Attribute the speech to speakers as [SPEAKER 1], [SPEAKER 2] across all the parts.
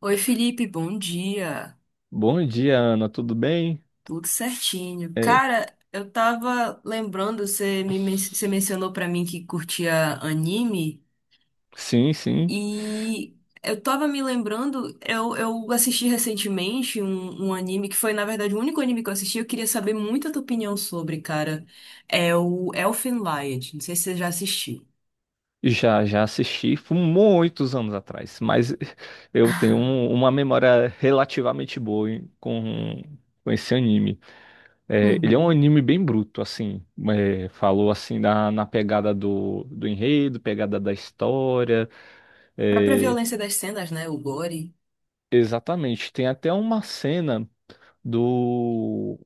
[SPEAKER 1] Oi, Felipe, bom dia.
[SPEAKER 2] Bom dia, Ana, tudo bem?
[SPEAKER 1] Tudo certinho.
[SPEAKER 2] É,
[SPEAKER 1] Cara, eu tava lembrando, você mencionou pra mim que curtia anime
[SPEAKER 2] sim, sim,
[SPEAKER 1] e eu tava me lembrando, eu assisti recentemente um anime que foi, na verdade, o único anime que eu assisti, eu queria saber muito a tua opinião sobre, cara. É o Elfen Lied. Não sei se você já assistiu.
[SPEAKER 2] já assisti, foi muitos anos atrás, mas eu tenho uma memória relativamente boa com esse anime. É, ele é um
[SPEAKER 1] Uhum.
[SPEAKER 2] anime bem bruto, assim, falou assim na pegada do enredo, pegada da história.
[SPEAKER 1] Própria
[SPEAKER 2] É,
[SPEAKER 1] violência das cenas, né? O gore.
[SPEAKER 2] exatamente. Tem até uma cena do,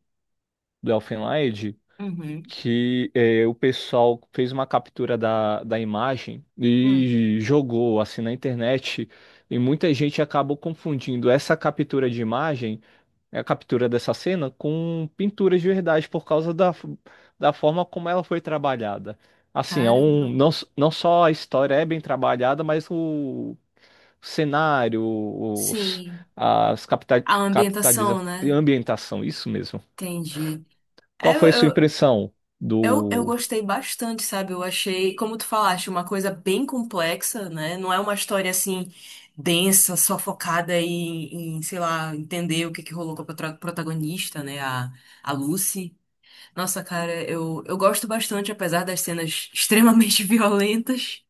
[SPEAKER 2] do Elfen Lied
[SPEAKER 1] Uhum.
[SPEAKER 2] que o pessoal fez uma captura da imagem
[SPEAKER 1] Hum.
[SPEAKER 2] e jogou assim na internet. E muita gente acabou confundindo essa captura de imagem, a captura dessa cena, com pintura de verdade, por causa da forma como ela foi trabalhada. Assim,
[SPEAKER 1] Caramba.
[SPEAKER 2] não, s- não só a história é bem trabalhada, mas o cenário, os,
[SPEAKER 1] Sim.
[SPEAKER 2] as capita,
[SPEAKER 1] A
[SPEAKER 2] capitaliza,
[SPEAKER 1] ambientação, né?
[SPEAKER 2] ambientação, isso mesmo.
[SPEAKER 1] Entendi.
[SPEAKER 2] Qual
[SPEAKER 1] É, Eu,
[SPEAKER 2] foi a sua
[SPEAKER 1] eu,
[SPEAKER 2] impressão
[SPEAKER 1] eu
[SPEAKER 2] do.
[SPEAKER 1] gostei bastante, sabe? Eu achei, como tu falaste, uma coisa bem complexa, né? Não é uma história assim densa, só focada sei lá, entender o que que rolou com a protagonista, né? A Lucy. Nossa, cara, eu gosto bastante, apesar das cenas extremamente violentas.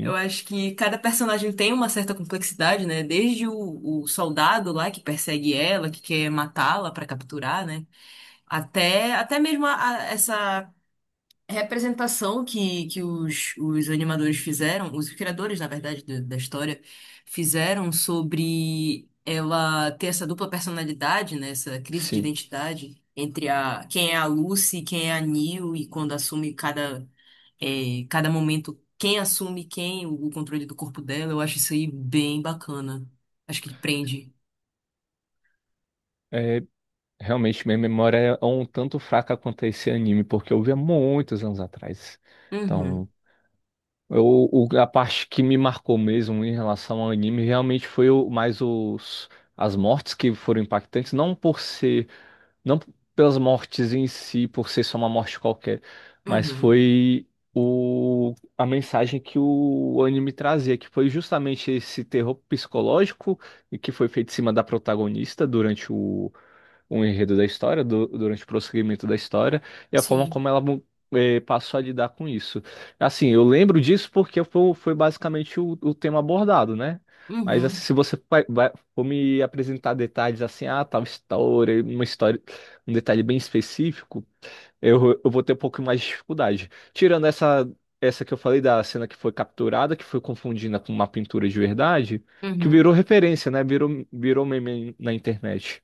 [SPEAKER 1] Eu acho que cada personagem tem uma certa complexidade, né? Desde o soldado lá que persegue ela, que quer matá-la pra capturar, né? Até mesmo essa representação que os animadores fizeram, os criadores, na verdade, da história, fizeram sobre ela ter essa dupla personalidade, né? Essa crise de
[SPEAKER 2] Sim,
[SPEAKER 1] identidade entre a, quem é a Lucy, quem é a Neil, e quando assume cada, cada momento, quem assume quem, o, controle do corpo dela, eu acho isso aí bem bacana. Acho que prende.
[SPEAKER 2] é, realmente minha memória é um tanto fraca quanto a esse anime, porque eu vi há muitos anos atrás.
[SPEAKER 1] Uhum,
[SPEAKER 2] Então, eu, a parte que me marcou mesmo em relação ao anime realmente foi as mortes que foram impactantes. Não por ser, não pelas mortes em si, por ser só uma morte qualquer, mas
[SPEAKER 1] uhum,
[SPEAKER 2] foi a mensagem que o anime trazia, que foi justamente esse terror psicológico e que foi feito em cima da protagonista durante o enredo da história, durante o prosseguimento da história, e a forma
[SPEAKER 1] sim.
[SPEAKER 2] como ela passou a lidar com isso. Assim, eu lembro disso porque foi, basicamente o tema abordado, né? Mas assim,
[SPEAKER 1] Uhum,
[SPEAKER 2] se você for me apresentar detalhes assim, ah, tal história, uma história, um detalhe bem específico, eu vou ter um pouco mais de dificuldade. Tirando essa que eu falei da cena que foi capturada, que foi confundida com uma pintura de verdade, que
[SPEAKER 1] uhum.
[SPEAKER 2] virou referência, né? Virou meme na internet.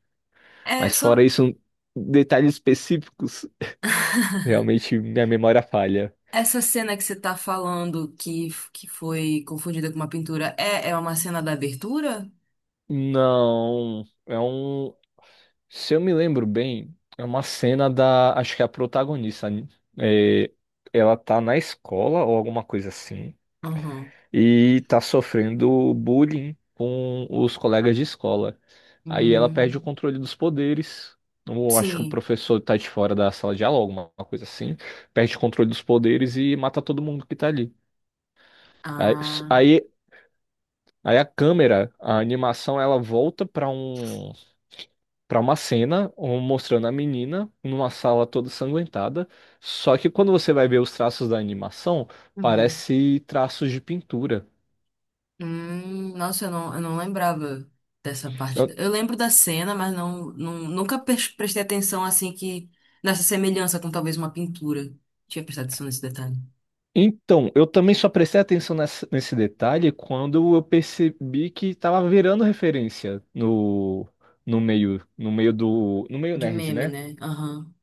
[SPEAKER 1] É
[SPEAKER 2] Mas fora
[SPEAKER 1] só.
[SPEAKER 2] isso, detalhes específicos, realmente minha memória falha.
[SPEAKER 1] Essa cena que você tá falando que foi confundida com uma pintura é, é uma cena da abertura?
[SPEAKER 2] Não. Se eu me lembro bem, é uma cena da. Acho que é a protagonista, né? É, ela tá na escola ou alguma coisa assim.
[SPEAKER 1] Uhum.
[SPEAKER 2] E tá sofrendo bullying com os colegas de escola. Aí ela perde o
[SPEAKER 1] Hum,
[SPEAKER 2] controle dos poderes. Eu acho que o
[SPEAKER 1] sim.
[SPEAKER 2] professor tá de fora da sala de aula, alguma coisa assim. Perde o controle dos poderes e mata todo mundo que tá ali. Aí,
[SPEAKER 1] Ah.
[SPEAKER 2] aí, aí, a câmera, a animação, ela volta para uma mostrando a menina numa sala toda sanguentada. Só que quando você vai ver os traços da animação,
[SPEAKER 1] Uhum.
[SPEAKER 2] parece traços de pintura.
[SPEAKER 1] Nossa, eu não lembrava dessa parte.
[SPEAKER 2] Eu-
[SPEAKER 1] Eu lembro da cena, mas não, não, nunca prestei atenção assim que nessa semelhança com talvez uma pintura. Tinha prestado atenção nesse detalhe.
[SPEAKER 2] Então, eu também só prestei atenção nesse detalhe quando eu percebi que estava virando referência no meio
[SPEAKER 1] De
[SPEAKER 2] nerd,
[SPEAKER 1] meme,
[SPEAKER 2] né?
[SPEAKER 1] né? Aham.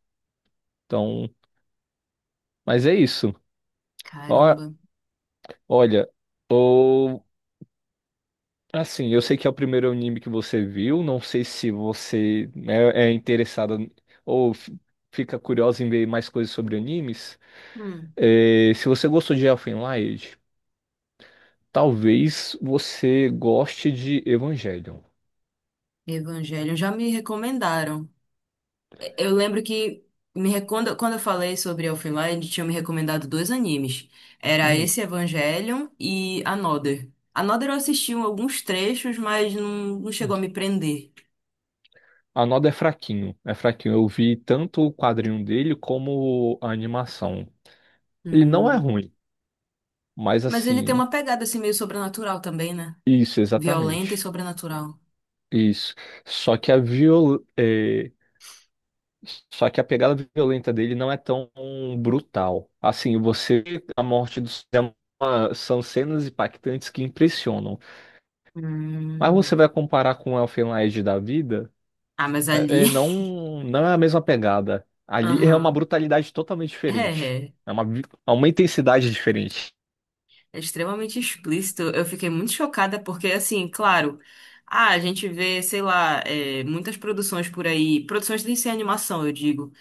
[SPEAKER 2] Então, mas é isso. Ó-
[SPEAKER 1] Caramba.
[SPEAKER 2] Olha, assim, eu sei que é o primeiro anime que você viu, não sei se você é interessada ou fica curiosa em ver mais coisas sobre animes.
[SPEAKER 1] Hum.
[SPEAKER 2] É, se você gostou de Elfen Lied, talvez você goste de Evangelion.
[SPEAKER 1] Evangelho. Já me recomendaram. Eu lembro que quando quando eu falei sobre Elfenlight, tinham me recomendado dois animes. Era
[SPEAKER 2] Hum.
[SPEAKER 1] esse Evangelion e Another. Another eu assisti alguns trechos, mas não, não chegou a me prender.
[SPEAKER 2] A Noda é fraquinho, é fraquinho. Eu vi tanto o quadrinho dele como a animação. Ele não é
[SPEAKER 1] Hum.
[SPEAKER 2] ruim, mas
[SPEAKER 1] Mas ele tem
[SPEAKER 2] assim,
[SPEAKER 1] uma pegada assim meio sobrenatural também, né?
[SPEAKER 2] isso,
[SPEAKER 1] Violenta e
[SPEAKER 2] exatamente.
[SPEAKER 1] sobrenatural.
[SPEAKER 2] Isso. Só que a viol eh, Só que a pegada violenta dele não é tão brutal. Assim, você, a morte do Sam, são cenas impactantes que impressionam. Mas você
[SPEAKER 1] Hum.
[SPEAKER 2] vai comparar com o Elfen Lied da vida,
[SPEAKER 1] Ah, mas
[SPEAKER 2] é,
[SPEAKER 1] ali.
[SPEAKER 2] é, não, não é a mesma pegada. Ali é uma
[SPEAKER 1] Aham.
[SPEAKER 2] brutalidade totalmente
[SPEAKER 1] É,
[SPEAKER 2] diferente.
[SPEAKER 1] é.
[SPEAKER 2] É uma intensidade diferente.
[SPEAKER 1] É extremamente explícito. Eu fiquei muito chocada porque, assim, claro, ah, a gente vê, sei lá, é, muitas produções por aí, produções de sem animação, eu digo,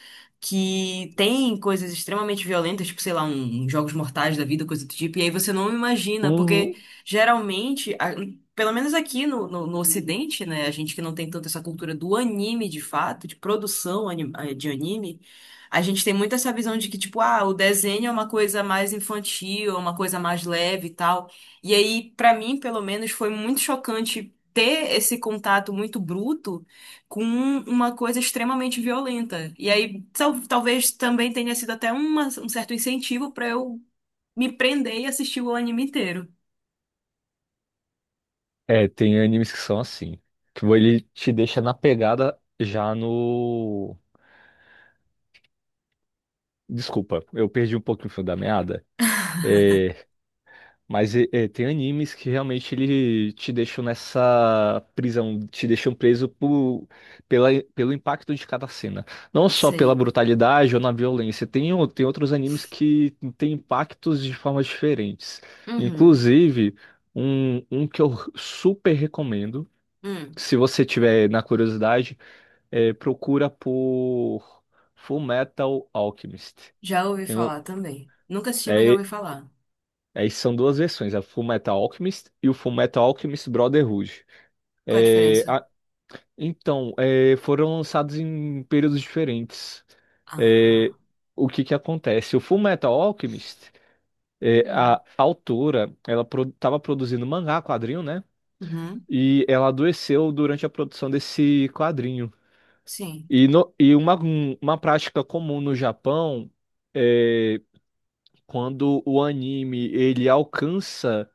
[SPEAKER 1] que tem coisas extremamente violentas, tipo, sei lá, um Jogos Mortais da vida, coisa do tipo, e aí você não imagina, porque
[SPEAKER 2] Uhum.
[SPEAKER 1] geralmente, pelo menos aqui no Ocidente, né, a gente que não tem tanto essa cultura do anime de fato, de produção de anime. A gente tem muito essa visão de que, tipo, ah, o desenho é uma coisa mais infantil, é uma coisa mais leve e tal. E aí, pra mim, pelo menos, foi muito chocante ter esse contato muito bruto com uma coisa extremamente violenta. E aí, talvez também tenha sido até um certo incentivo pra eu me prender e assistir o anime inteiro.
[SPEAKER 2] É, tem animes que são assim. Que ele te deixa na pegada já no. Desculpa, eu perdi um pouquinho o fio da meada. É, Mas tem animes que realmente ele te deixam nessa prisão, te deixam preso pelo impacto de cada cena. Não só pela
[SPEAKER 1] Sei.
[SPEAKER 2] brutalidade ou na violência. Tem outros animes que têm impactos de formas diferentes.
[SPEAKER 1] Uhum.
[SPEAKER 2] Inclusive, um que eu super recomendo,
[SPEAKER 1] Hum.
[SPEAKER 2] se você tiver na curiosidade, procura por Full Metal Alchemist.
[SPEAKER 1] Já ouvi
[SPEAKER 2] Tem
[SPEAKER 1] falar também. Nunca assisti, mas já
[SPEAKER 2] um,
[SPEAKER 1] ouvi falar.
[SPEAKER 2] Aí são duas versões, a Full Metal Alchemist e o Full Metal Alchemist Brotherhood.
[SPEAKER 1] Qual é a
[SPEAKER 2] É,
[SPEAKER 1] diferença?
[SPEAKER 2] a- então, foram lançados em períodos diferentes. É,
[SPEAKER 1] Ah.
[SPEAKER 2] o que que acontece? O Full Metal Alchemist,
[SPEAKER 1] Hum.
[SPEAKER 2] a autora, ela estava produzindo mangá, quadrinho, né?
[SPEAKER 1] Uhum.
[SPEAKER 2] E ela adoeceu durante a produção desse quadrinho.
[SPEAKER 1] Sim.
[SPEAKER 2] E, uma prática comum no Japão é, quando o anime ele alcança,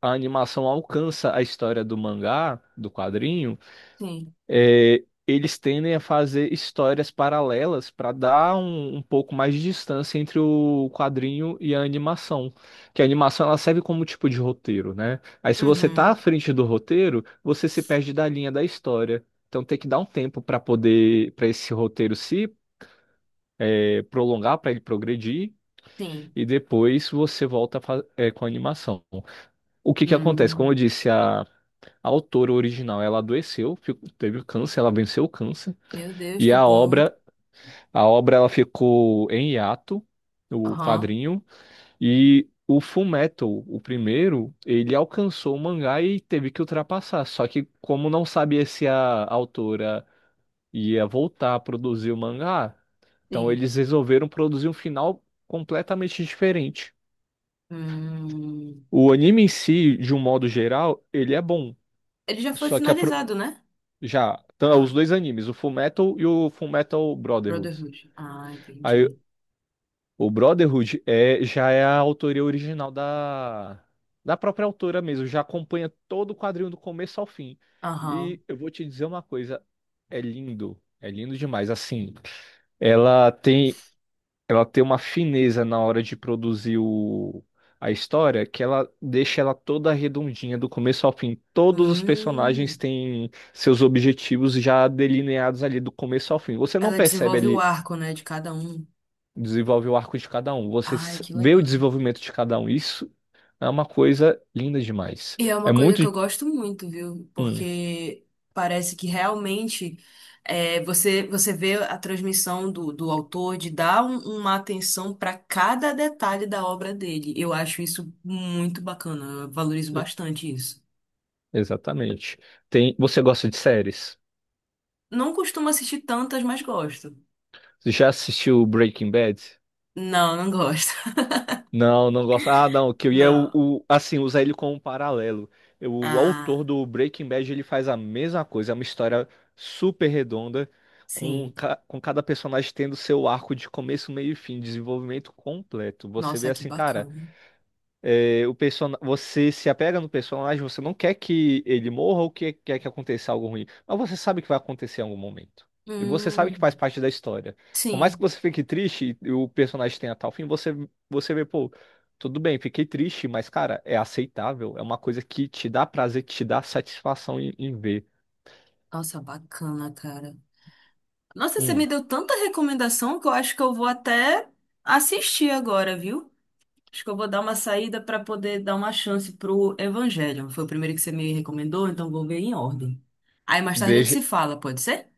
[SPEAKER 2] a animação alcança a história do mangá, do quadrinho,
[SPEAKER 1] Sim.
[SPEAKER 2] eles tendem a fazer histórias paralelas para dar um pouco mais de distância entre o quadrinho e a animação. Que a animação ela serve como tipo de roteiro, né? Aí se você tá à
[SPEAKER 1] Uhum,
[SPEAKER 2] frente do roteiro, você se perde da linha da história. Então tem que dar um tempo para poder, para esse roteiro se prolongar, para ele progredir
[SPEAKER 1] sim.
[SPEAKER 2] e depois você volta a com a animação. O que que acontece? Como
[SPEAKER 1] Hum,
[SPEAKER 2] eu disse, a autora original, ela adoeceu, teve câncer, ela venceu o câncer,
[SPEAKER 1] meu Deus,
[SPEAKER 2] e
[SPEAKER 1] que
[SPEAKER 2] a
[SPEAKER 1] bom.
[SPEAKER 2] obra, a obra ela ficou em hiato, o
[SPEAKER 1] Aham,
[SPEAKER 2] quadrinho, e o Fullmetal, o primeiro, ele alcançou o mangá e teve que ultrapassar, só que como não sabia se a autora ia voltar a produzir o mangá, então
[SPEAKER 1] sim.
[SPEAKER 2] eles resolveram produzir um final completamente diferente.
[SPEAKER 1] Hum,
[SPEAKER 2] O anime em si, de um modo geral, ele é bom.
[SPEAKER 1] ele já foi
[SPEAKER 2] Só que a pro-
[SPEAKER 1] finalizado, né?
[SPEAKER 2] já, tá, os
[SPEAKER 1] Ah,
[SPEAKER 2] dois animes, o Fullmetal e o Fullmetal Brotherhood.
[SPEAKER 1] Brotherhood. Ah,
[SPEAKER 2] Aí,
[SPEAKER 1] entendi.
[SPEAKER 2] o Brotherhood já é a autoria original da própria autora mesmo, já acompanha todo o quadrinho do começo ao fim.
[SPEAKER 1] Aham.
[SPEAKER 2] E eu vou te dizer uma coisa, é lindo demais. Assim, ela tem. ela tem uma fineza na hora de produzir a história que ela deixa ela toda redondinha do começo ao fim. Todos os personagens
[SPEAKER 1] Hum,
[SPEAKER 2] têm seus objetivos já delineados ali do começo ao fim. Você não
[SPEAKER 1] ela
[SPEAKER 2] percebe
[SPEAKER 1] desenvolve o
[SPEAKER 2] ali,
[SPEAKER 1] arco, né, de cada um.
[SPEAKER 2] desenvolve o arco de cada um, você
[SPEAKER 1] Ai, que
[SPEAKER 2] vê o
[SPEAKER 1] legal.
[SPEAKER 2] desenvolvimento de cada um. Isso é uma coisa linda demais.
[SPEAKER 1] E é
[SPEAKER 2] É
[SPEAKER 1] uma coisa
[SPEAKER 2] muito.
[SPEAKER 1] que eu gosto muito, viu?
[SPEAKER 2] Hum,
[SPEAKER 1] Porque parece que realmente é, você você vê a transmissão do autor de dar uma atenção para cada detalhe da obra dele. Eu acho isso muito bacana, eu valorizo bastante isso.
[SPEAKER 2] exatamente. Você gosta de séries?
[SPEAKER 1] Não costumo assistir tantas, mas gosto.
[SPEAKER 2] Você já assistiu Breaking Bad?
[SPEAKER 1] Não, não gosto.
[SPEAKER 2] Não, não gosto. Ah, não, que eu ia
[SPEAKER 1] Não.
[SPEAKER 2] assim, usar ele como um paralelo. O autor
[SPEAKER 1] Ah,
[SPEAKER 2] do Breaking Bad, ele faz a mesma coisa, é uma história super redonda,
[SPEAKER 1] sim.
[SPEAKER 2] com cada personagem tendo seu arco de começo, meio e fim, desenvolvimento completo. Você vê
[SPEAKER 1] Nossa, que
[SPEAKER 2] assim, cara,
[SPEAKER 1] bacana.
[SPEAKER 2] você se apega no personagem, você não quer que ele morra ou que quer que aconteça algo ruim, mas você sabe que vai acontecer em algum momento. E você sabe que faz
[SPEAKER 1] Hum,
[SPEAKER 2] parte da história. Por mais que
[SPEAKER 1] sim.
[SPEAKER 2] você fique triste e o personagem tenha tal fim, você vê, pô, tudo bem, fiquei triste, mas, cara, é aceitável. É uma coisa que te dá prazer, que te dá satisfação em ver.
[SPEAKER 1] Nossa, bacana, cara. Nossa, você
[SPEAKER 2] Hum,
[SPEAKER 1] me deu tanta recomendação que eu acho que eu vou até assistir agora, viu? Acho que eu vou dar uma saída para poder dar uma chance pro Evangelho. Foi o primeiro que você me recomendou, então vou ver em ordem. Aí mais tarde a gente
[SPEAKER 2] veja.
[SPEAKER 1] se fala, pode ser?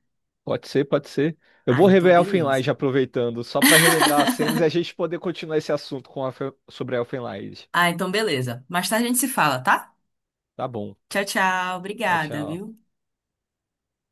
[SPEAKER 2] Pode ser, pode ser. Eu
[SPEAKER 1] Ah,
[SPEAKER 2] vou
[SPEAKER 1] então
[SPEAKER 2] rever
[SPEAKER 1] beleza.
[SPEAKER 2] Elfenlight aproveitando, só pra relembrar as cenas e a gente poder continuar esse assunto sobre Elfenlight.
[SPEAKER 1] Ah, então beleza. Mais tarde a gente se fala, tá?
[SPEAKER 2] Tá bom.
[SPEAKER 1] Tchau, tchau.
[SPEAKER 2] Tchau,
[SPEAKER 1] Obrigada,
[SPEAKER 2] tchau.
[SPEAKER 1] viu?